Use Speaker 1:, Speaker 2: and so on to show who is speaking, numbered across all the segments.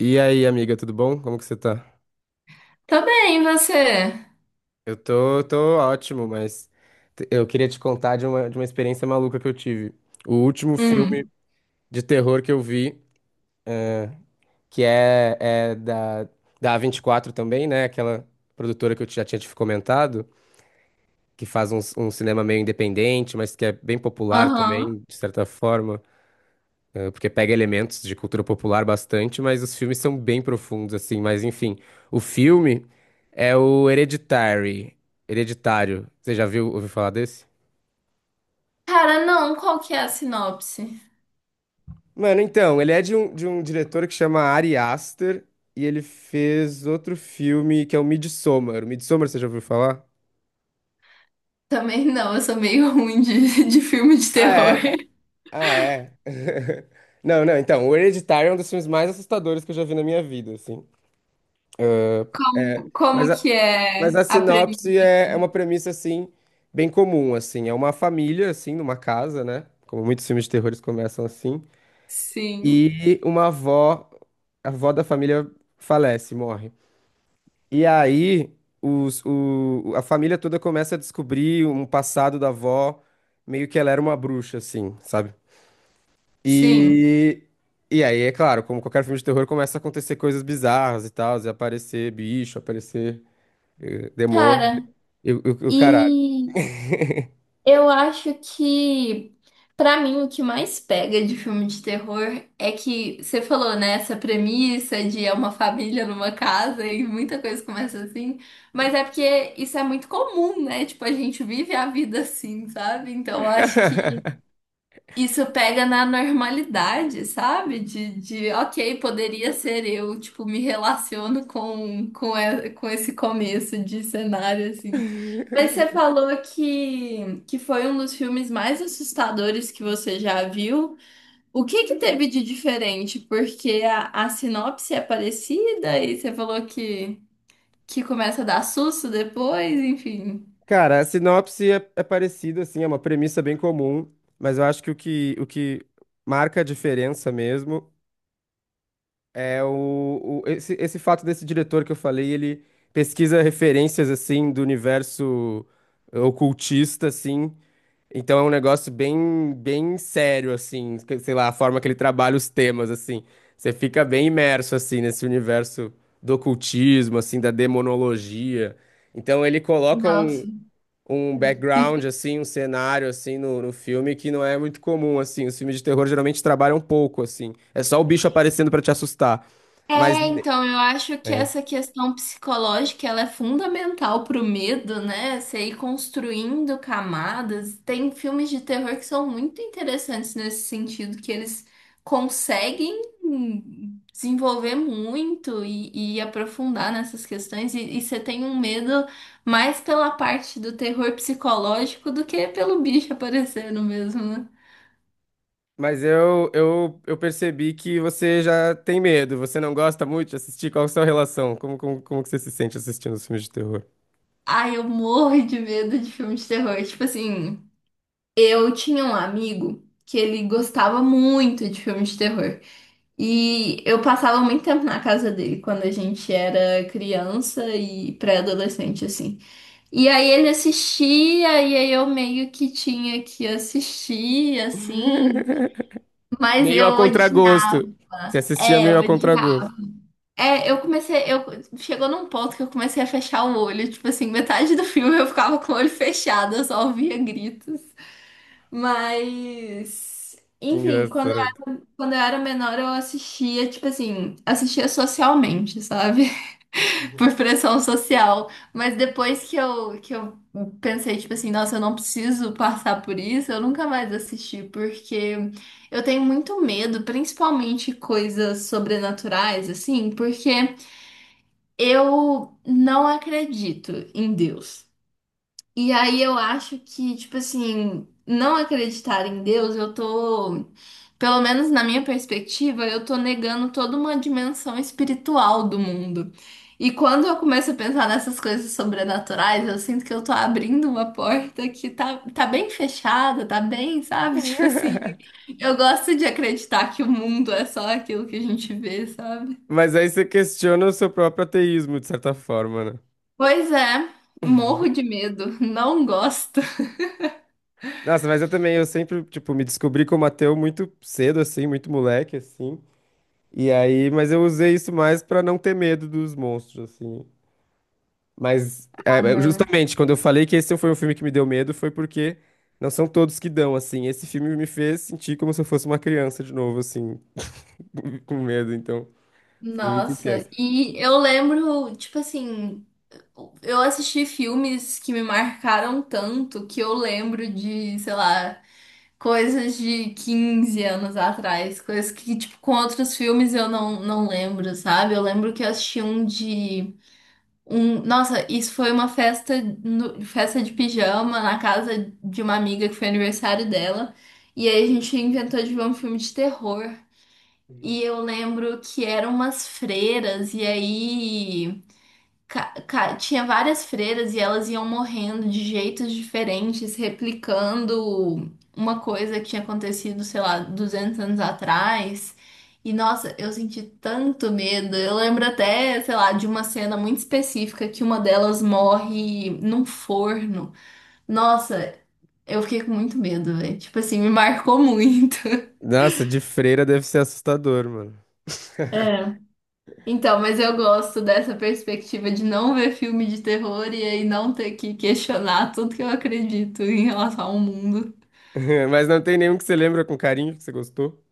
Speaker 1: E aí, amiga, tudo bom? Como que você tá?
Speaker 2: Tá bem, você?
Speaker 1: Eu tô ótimo, mas eu queria te contar de uma experiência maluca que eu tive. O último filme
Speaker 2: Hum,
Speaker 1: de terror que eu vi, eh, que é da, da A24 também, né? Aquela produtora que eu já tinha te comentado, que faz cinema meio independente, mas que é bem popular
Speaker 2: aham.
Speaker 1: também, de certa forma. Porque pega elementos de cultura popular bastante, mas os filmes são bem profundos, assim. Mas enfim, o filme é o Hereditary. Hereditário. Você já viu, ouviu falar desse?
Speaker 2: Cara, não, qual que é a sinopse?
Speaker 1: Mano, então, ele é de um diretor que chama Ari Aster e ele fez outro filme que é o Midsommar. O Midsommar, você já ouviu falar?
Speaker 2: Também não, eu sou meio ruim de, de filme de
Speaker 1: Ah,
Speaker 2: terror.
Speaker 1: é. Ah, é. Não, não, então, o Hereditário é um dos filmes mais assustadores que eu já vi na minha vida, assim. É,
Speaker 2: Como
Speaker 1: mas, a-
Speaker 2: que
Speaker 1: mas a
Speaker 2: é a
Speaker 1: sinopse
Speaker 2: premissa?
Speaker 1: é uma premissa, assim, bem comum, assim. É uma família, assim, numa casa, né? Como muitos filmes de terror eles começam assim.
Speaker 2: Sim,
Speaker 1: E uma avó, a avó da família falece, morre. E aí, a família toda começa a descobrir um passado da avó, meio que ela era uma bruxa, assim, sabe?
Speaker 2: sim.
Speaker 1: E, e aí, é claro, como qualquer filme de terror, começa a acontecer coisas bizarras e tal, e aparecer bicho, aparecer demônio.
Speaker 2: Cara,
Speaker 1: O caralho.
Speaker 2: e eu acho que, pra mim, o que mais pega de filme de terror é que você falou, né, essa premissa de é uma família numa casa e muita coisa começa assim, mas é porque isso é muito comum, né? Tipo, a gente vive a vida assim, sabe? Então, eu acho que isso pega na normalidade, sabe? Ok, poderia ser eu, tipo, me relaciono com esse começo de cenário, assim. Mas você falou que foi um dos filmes mais assustadores que você já viu. O que que teve de diferente? Porque a sinopse é parecida e você falou que, começa a dar susto depois, enfim.
Speaker 1: Cara, a sinopse é parecida, assim, é uma premissa bem comum, mas eu acho que o que marca a diferença mesmo é esse fato desse diretor que eu falei, ele pesquisa referências, assim, do universo ocultista, assim. Então é um negócio bem sério, assim, que sei lá, a forma que ele trabalha os temas, assim. Você fica bem imerso, assim, nesse universo do ocultismo, assim, da demonologia. Então ele coloca
Speaker 2: Nossa.
Speaker 1: um background, assim, um cenário, assim, no filme que não é muito comum, assim. Os filmes de terror geralmente trabalham pouco, assim. É só o bicho aparecendo pra te assustar. Mas
Speaker 2: É, então, eu acho que essa questão psicológica, ela é fundamental pro medo, né? Você ir construindo camadas. Tem filmes de terror que são muito interessantes nesse sentido, que eles conseguem desenvolver muito e aprofundar nessas questões. E você tem um medo mais pela parte do terror psicológico do que pelo bicho aparecendo mesmo, né?
Speaker 1: Mas eu percebi que você já tem medo, você não gosta muito de assistir. Qual a sua relação? Como que você se sente assistindo os filmes de terror?
Speaker 2: Ai, eu morro de medo de filme de terror. Tipo assim. Eu tinha um amigo que ele gostava muito de filmes de terror. E eu passava muito tempo na casa dele quando a gente era criança e pré-adolescente, assim. E aí ele assistia, e aí eu meio que tinha que assistir, assim. Mas
Speaker 1: Meio
Speaker 2: eu
Speaker 1: a
Speaker 2: odiava.
Speaker 1: contragosto. Você assistia
Speaker 2: É,
Speaker 1: meio
Speaker 2: eu
Speaker 1: a
Speaker 2: odiava.
Speaker 1: contragosto.
Speaker 2: É, eu comecei. Eu, chegou num ponto que eu comecei a fechar o olho. Tipo assim, metade do filme eu ficava com o olho fechado, eu só ouvia gritos. Mas,
Speaker 1: Que
Speaker 2: enfim, quando
Speaker 1: engraçado.
Speaker 2: quando eu era menor, eu assistia, tipo assim, assistia socialmente, sabe? Por pressão social. Mas depois que eu pensei, tipo assim, nossa, eu não preciso passar por isso, eu nunca mais assisti, porque eu tenho muito medo, principalmente coisas sobrenaturais, assim, porque eu não acredito em Deus. E aí eu acho que, tipo assim, não acreditar em Deus, eu tô, pelo menos na minha perspectiva, eu tô negando toda uma dimensão espiritual do mundo. E quando eu começo a pensar nessas coisas sobrenaturais, eu sinto que eu tô abrindo uma porta que tá, tá bem fechada, tá bem, sabe? Tipo assim, eu gosto de acreditar que o mundo é só aquilo que a gente vê, sabe?
Speaker 1: Mas aí você questiona o seu próprio ateísmo, de certa forma, né?
Speaker 2: Pois é, morro de medo, não gosto.
Speaker 1: Nossa, mas eu também, eu sempre, tipo, me descobri como ateu muito cedo, assim, muito moleque, assim. E aí, mas eu usei isso mais pra não ter medo dos monstros, assim. Mas
Speaker 2: Ah, não.
Speaker 1: justamente quando eu falei que esse foi um filme que me deu medo, foi porque não são todos que dão, assim. Esse filme me fez sentir como se eu fosse uma criança de novo, assim, com medo, então foi muito
Speaker 2: Nossa,
Speaker 1: intenso.
Speaker 2: e eu lembro, tipo assim, eu assisti filmes que me marcaram tanto que eu lembro de, sei lá, coisas de 15 anos atrás, coisas que, tipo, com outros filmes eu não lembro, sabe? Eu lembro que eu assisti um de. Um, nossa, isso foi uma festa, festa de pijama na casa de uma amiga que foi aniversário dela. E aí a gente inventou de ver um filme de terror. E eu lembro que eram umas freiras, e aí tinha várias freiras e elas iam morrendo de jeitos diferentes, replicando uma coisa que tinha acontecido, sei lá, 200 anos atrás. E nossa, eu senti tanto medo. Eu lembro até, sei lá, de uma cena muito específica que uma delas morre num forno. Nossa, eu fiquei com muito medo, velho. Tipo assim, me marcou muito.
Speaker 1: Nossa, de freira deve ser assustador, mano.
Speaker 2: É. Então, mas eu gosto dessa perspectiva de não ver filme de terror e aí não ter que questionar tudo que eu acredito em relação ao mundo.
Speaker 1: Mas não tem nenhum que você lembra com carinho, que você gostou?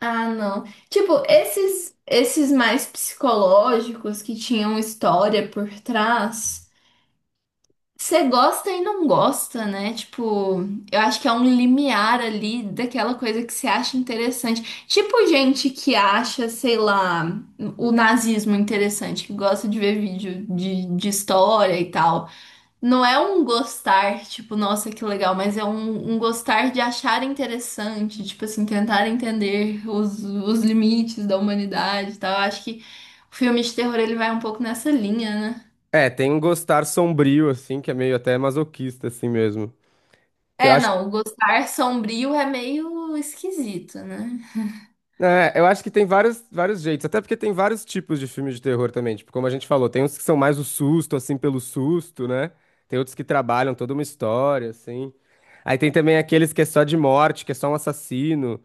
Speaker 2: Ah, não. Tipo, esses mais psicológicos que tinham história por trás, você gosta e não gosta, né? Tipo, eu acho que é um limiar ali daquela coisa que você acha interessante. Tipo, gente que acha, sei lá, o nazismo interessante, que gosta de ver vídeo de história e tal. Não é um gostar, tipo, nossa, que legal, mas é um, um gostar de achar interessante, tipo assim, tentar entender os limites da humanidade e tal. Eu acho que o filme de terror ele vai um pouco nessa linha, né?
Speaker 1: É, tem um gostar sombrio, assim, que é meio até masoquista, assim mesmo. Eu
Speaker 2: É,
Speaker 1: acho.
Speaker 2: não, o gostar sombrio é meio esquisito, né?
Speaker 1: É, eu acho que tem vários jeitos, até porque tem vários tipos de filmes de terror também. Tipo, como a gente falou, tem uns que são mais o susto, assim, pelo susto, né? Tem outros que trabalham toda uma história, assim. Aí tem também aqueles que é só de morte, que é só um assassino.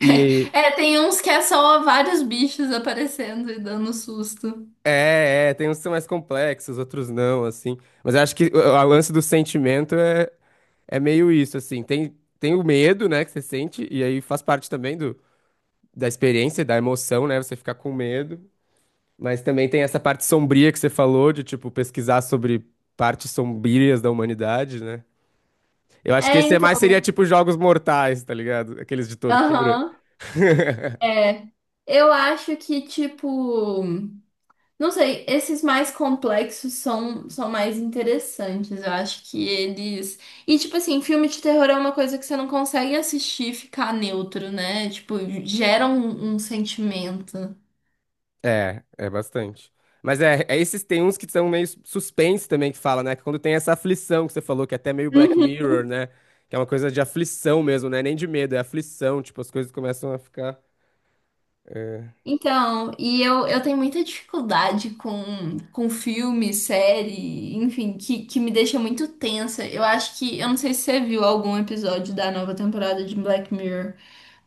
Speaker 1: E
Speaker 2: É, tem uns que é só vários bichos aparecendo e dando susto.
Speaker 1: é, é, tem uns que são mais complexos, outros não, assim. Mas eu acho que o lance do sentimento é meio isso, assim. Tem o medo, né, que você sente, e aí faz parte também da experiência, da emoção, né? Você ficar com medo. Mas também tem essa parte sombria que você falou, de tipo pesquisar sobre partes sombrias da humanidade, né? Eu acho que
Speaker 2: É,
Speaker 1: esse é mais
Speaker 2: então,
Speaker 1: seria tipo Jogos Mortais, tá ligado? Aqueles de tortura.
Speaker 2: aham. É. Eu acho que, tipo. Não sei, esses mais complexos são, são mais interessantes. Eu acho que eles. E, tipo assim, filme de terror é uma coisa que você não consegue assistir e ficar neutro, né? Tipo, gera um sentimento.
Speaker 1: É, é bastante. Mas esses tem uns que são meio suspense também que fala, né? Que quando tem essa aflição que você falou, que é até meio Black
Speaker 2: Uhum.
Speaker 1: Mirror, né? Que é uma coisa de aflição mesmo, né? Nem de medo, é aflição, tipo, as coisas começam a ficar.
Speaker 2: Então, e eu tenho muita dificuldade com filme, série, enfim, que me deixa muito tensa. Eu acho que. Eu não sei se você viu algum episódio da nova temporada de Black Mirror.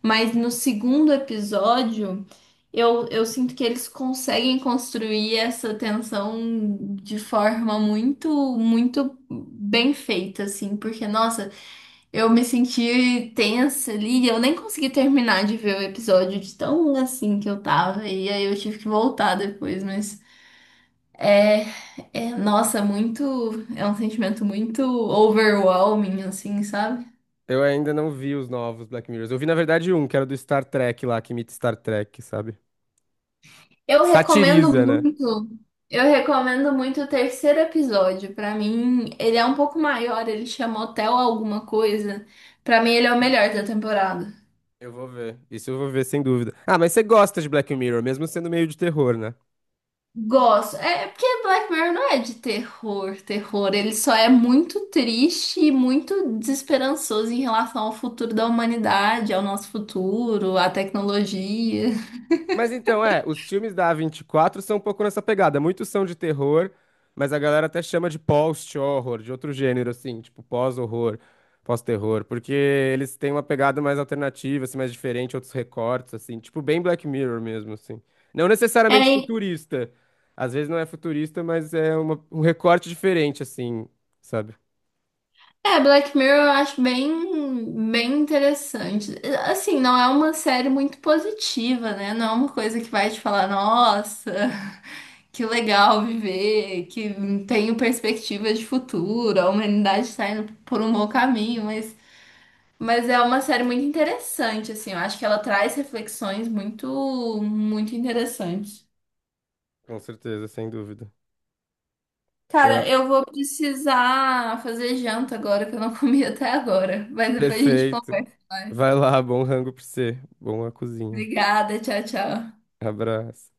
Speaker 2: Mas no segundo episódio, eu sinto que eles conseguem construir essa tensão de forma muito, muito bem feita, assim, porque, nossa, eu me senti tensa ali, eu nem consegui terminar de ver o episódio de tão assim que eu tava, e aí eu tive que voltar depois, mas é, nossa, muito, é um sentimento muito overwhelming, assim, sabe?
Speaker 1: Eu ainda não vi os novos Black Mirrors. Eu vi, na verdade, um, que era do Star Trek lá, que imita Star Trek, sabe?
Speaker 2: Eu
Speaker 1: Que
Speaker 2: recomendo
Speaker 1: satiriza, né?
Speaker 2: muito. Eu recomendo muito o terceiro episódio. Pra mim, ele é um pouco maior, ele chama Hotel Alguma Coisa. Pra mim, ele é o melhor da temporada.
Speaker 1: Eu vou ver. Isso eu vou ver, sem dúvida. Ah, mas você gosta de Black Mirror, mesmo sendo meio de terror, né?
Speaker 2: Gosto. É porque Black Mirror não é de terror, terror. Ele só é muito triste e muito desesperançoso em relação ao futuro da humanidade, ao nosso futuro, à tecnologia.
Speaker 1: Mas então, é, os filmes da A24 são um pouco nessa pegada. Muitos são de terror, mas a galera até chama de post-horror, de outro gênero, assim, tipo pós-horror, pós-terror, porque eles têm uma pegada mais alternativa, assim, mais diferente, outros recortes, assim, tipo bem Black Mirror mesmo, assim. Não necessariamente
Speaker 2: É,
Speaker 1: futurista. Às vezes não é futurista, mas é um recorte diferente, assim, sabe?
Speaker 2: É, Black Mirror eu acho bem, bem interessante. Assim, não é uma série muito positiva, né? Não é uma coisa que vai te falar, nossa, que legal viver, que tenho perspectiva de futuro, a humanidade está indo por um bom caminho, mas é uma série muito interessante, assim. Eu acho que ela traz reflexões muito, muito interessantes.
Speaker 1: Com certeza, sem dúvida.
Speaker 2: Cara, eu vou precisar fazer janta agora, que eu não comi até agora, mas depois a gente
Speaker 1: Perfeito.
Speaker 2: conversa
Speaker 1: Vai
Speaker 2: mais.
Speaker 1: lá, bom rango pra você. Boa cozinha.
Speaker 2: Obrigada, tchau, tchau.
Speaker 1: Abraço.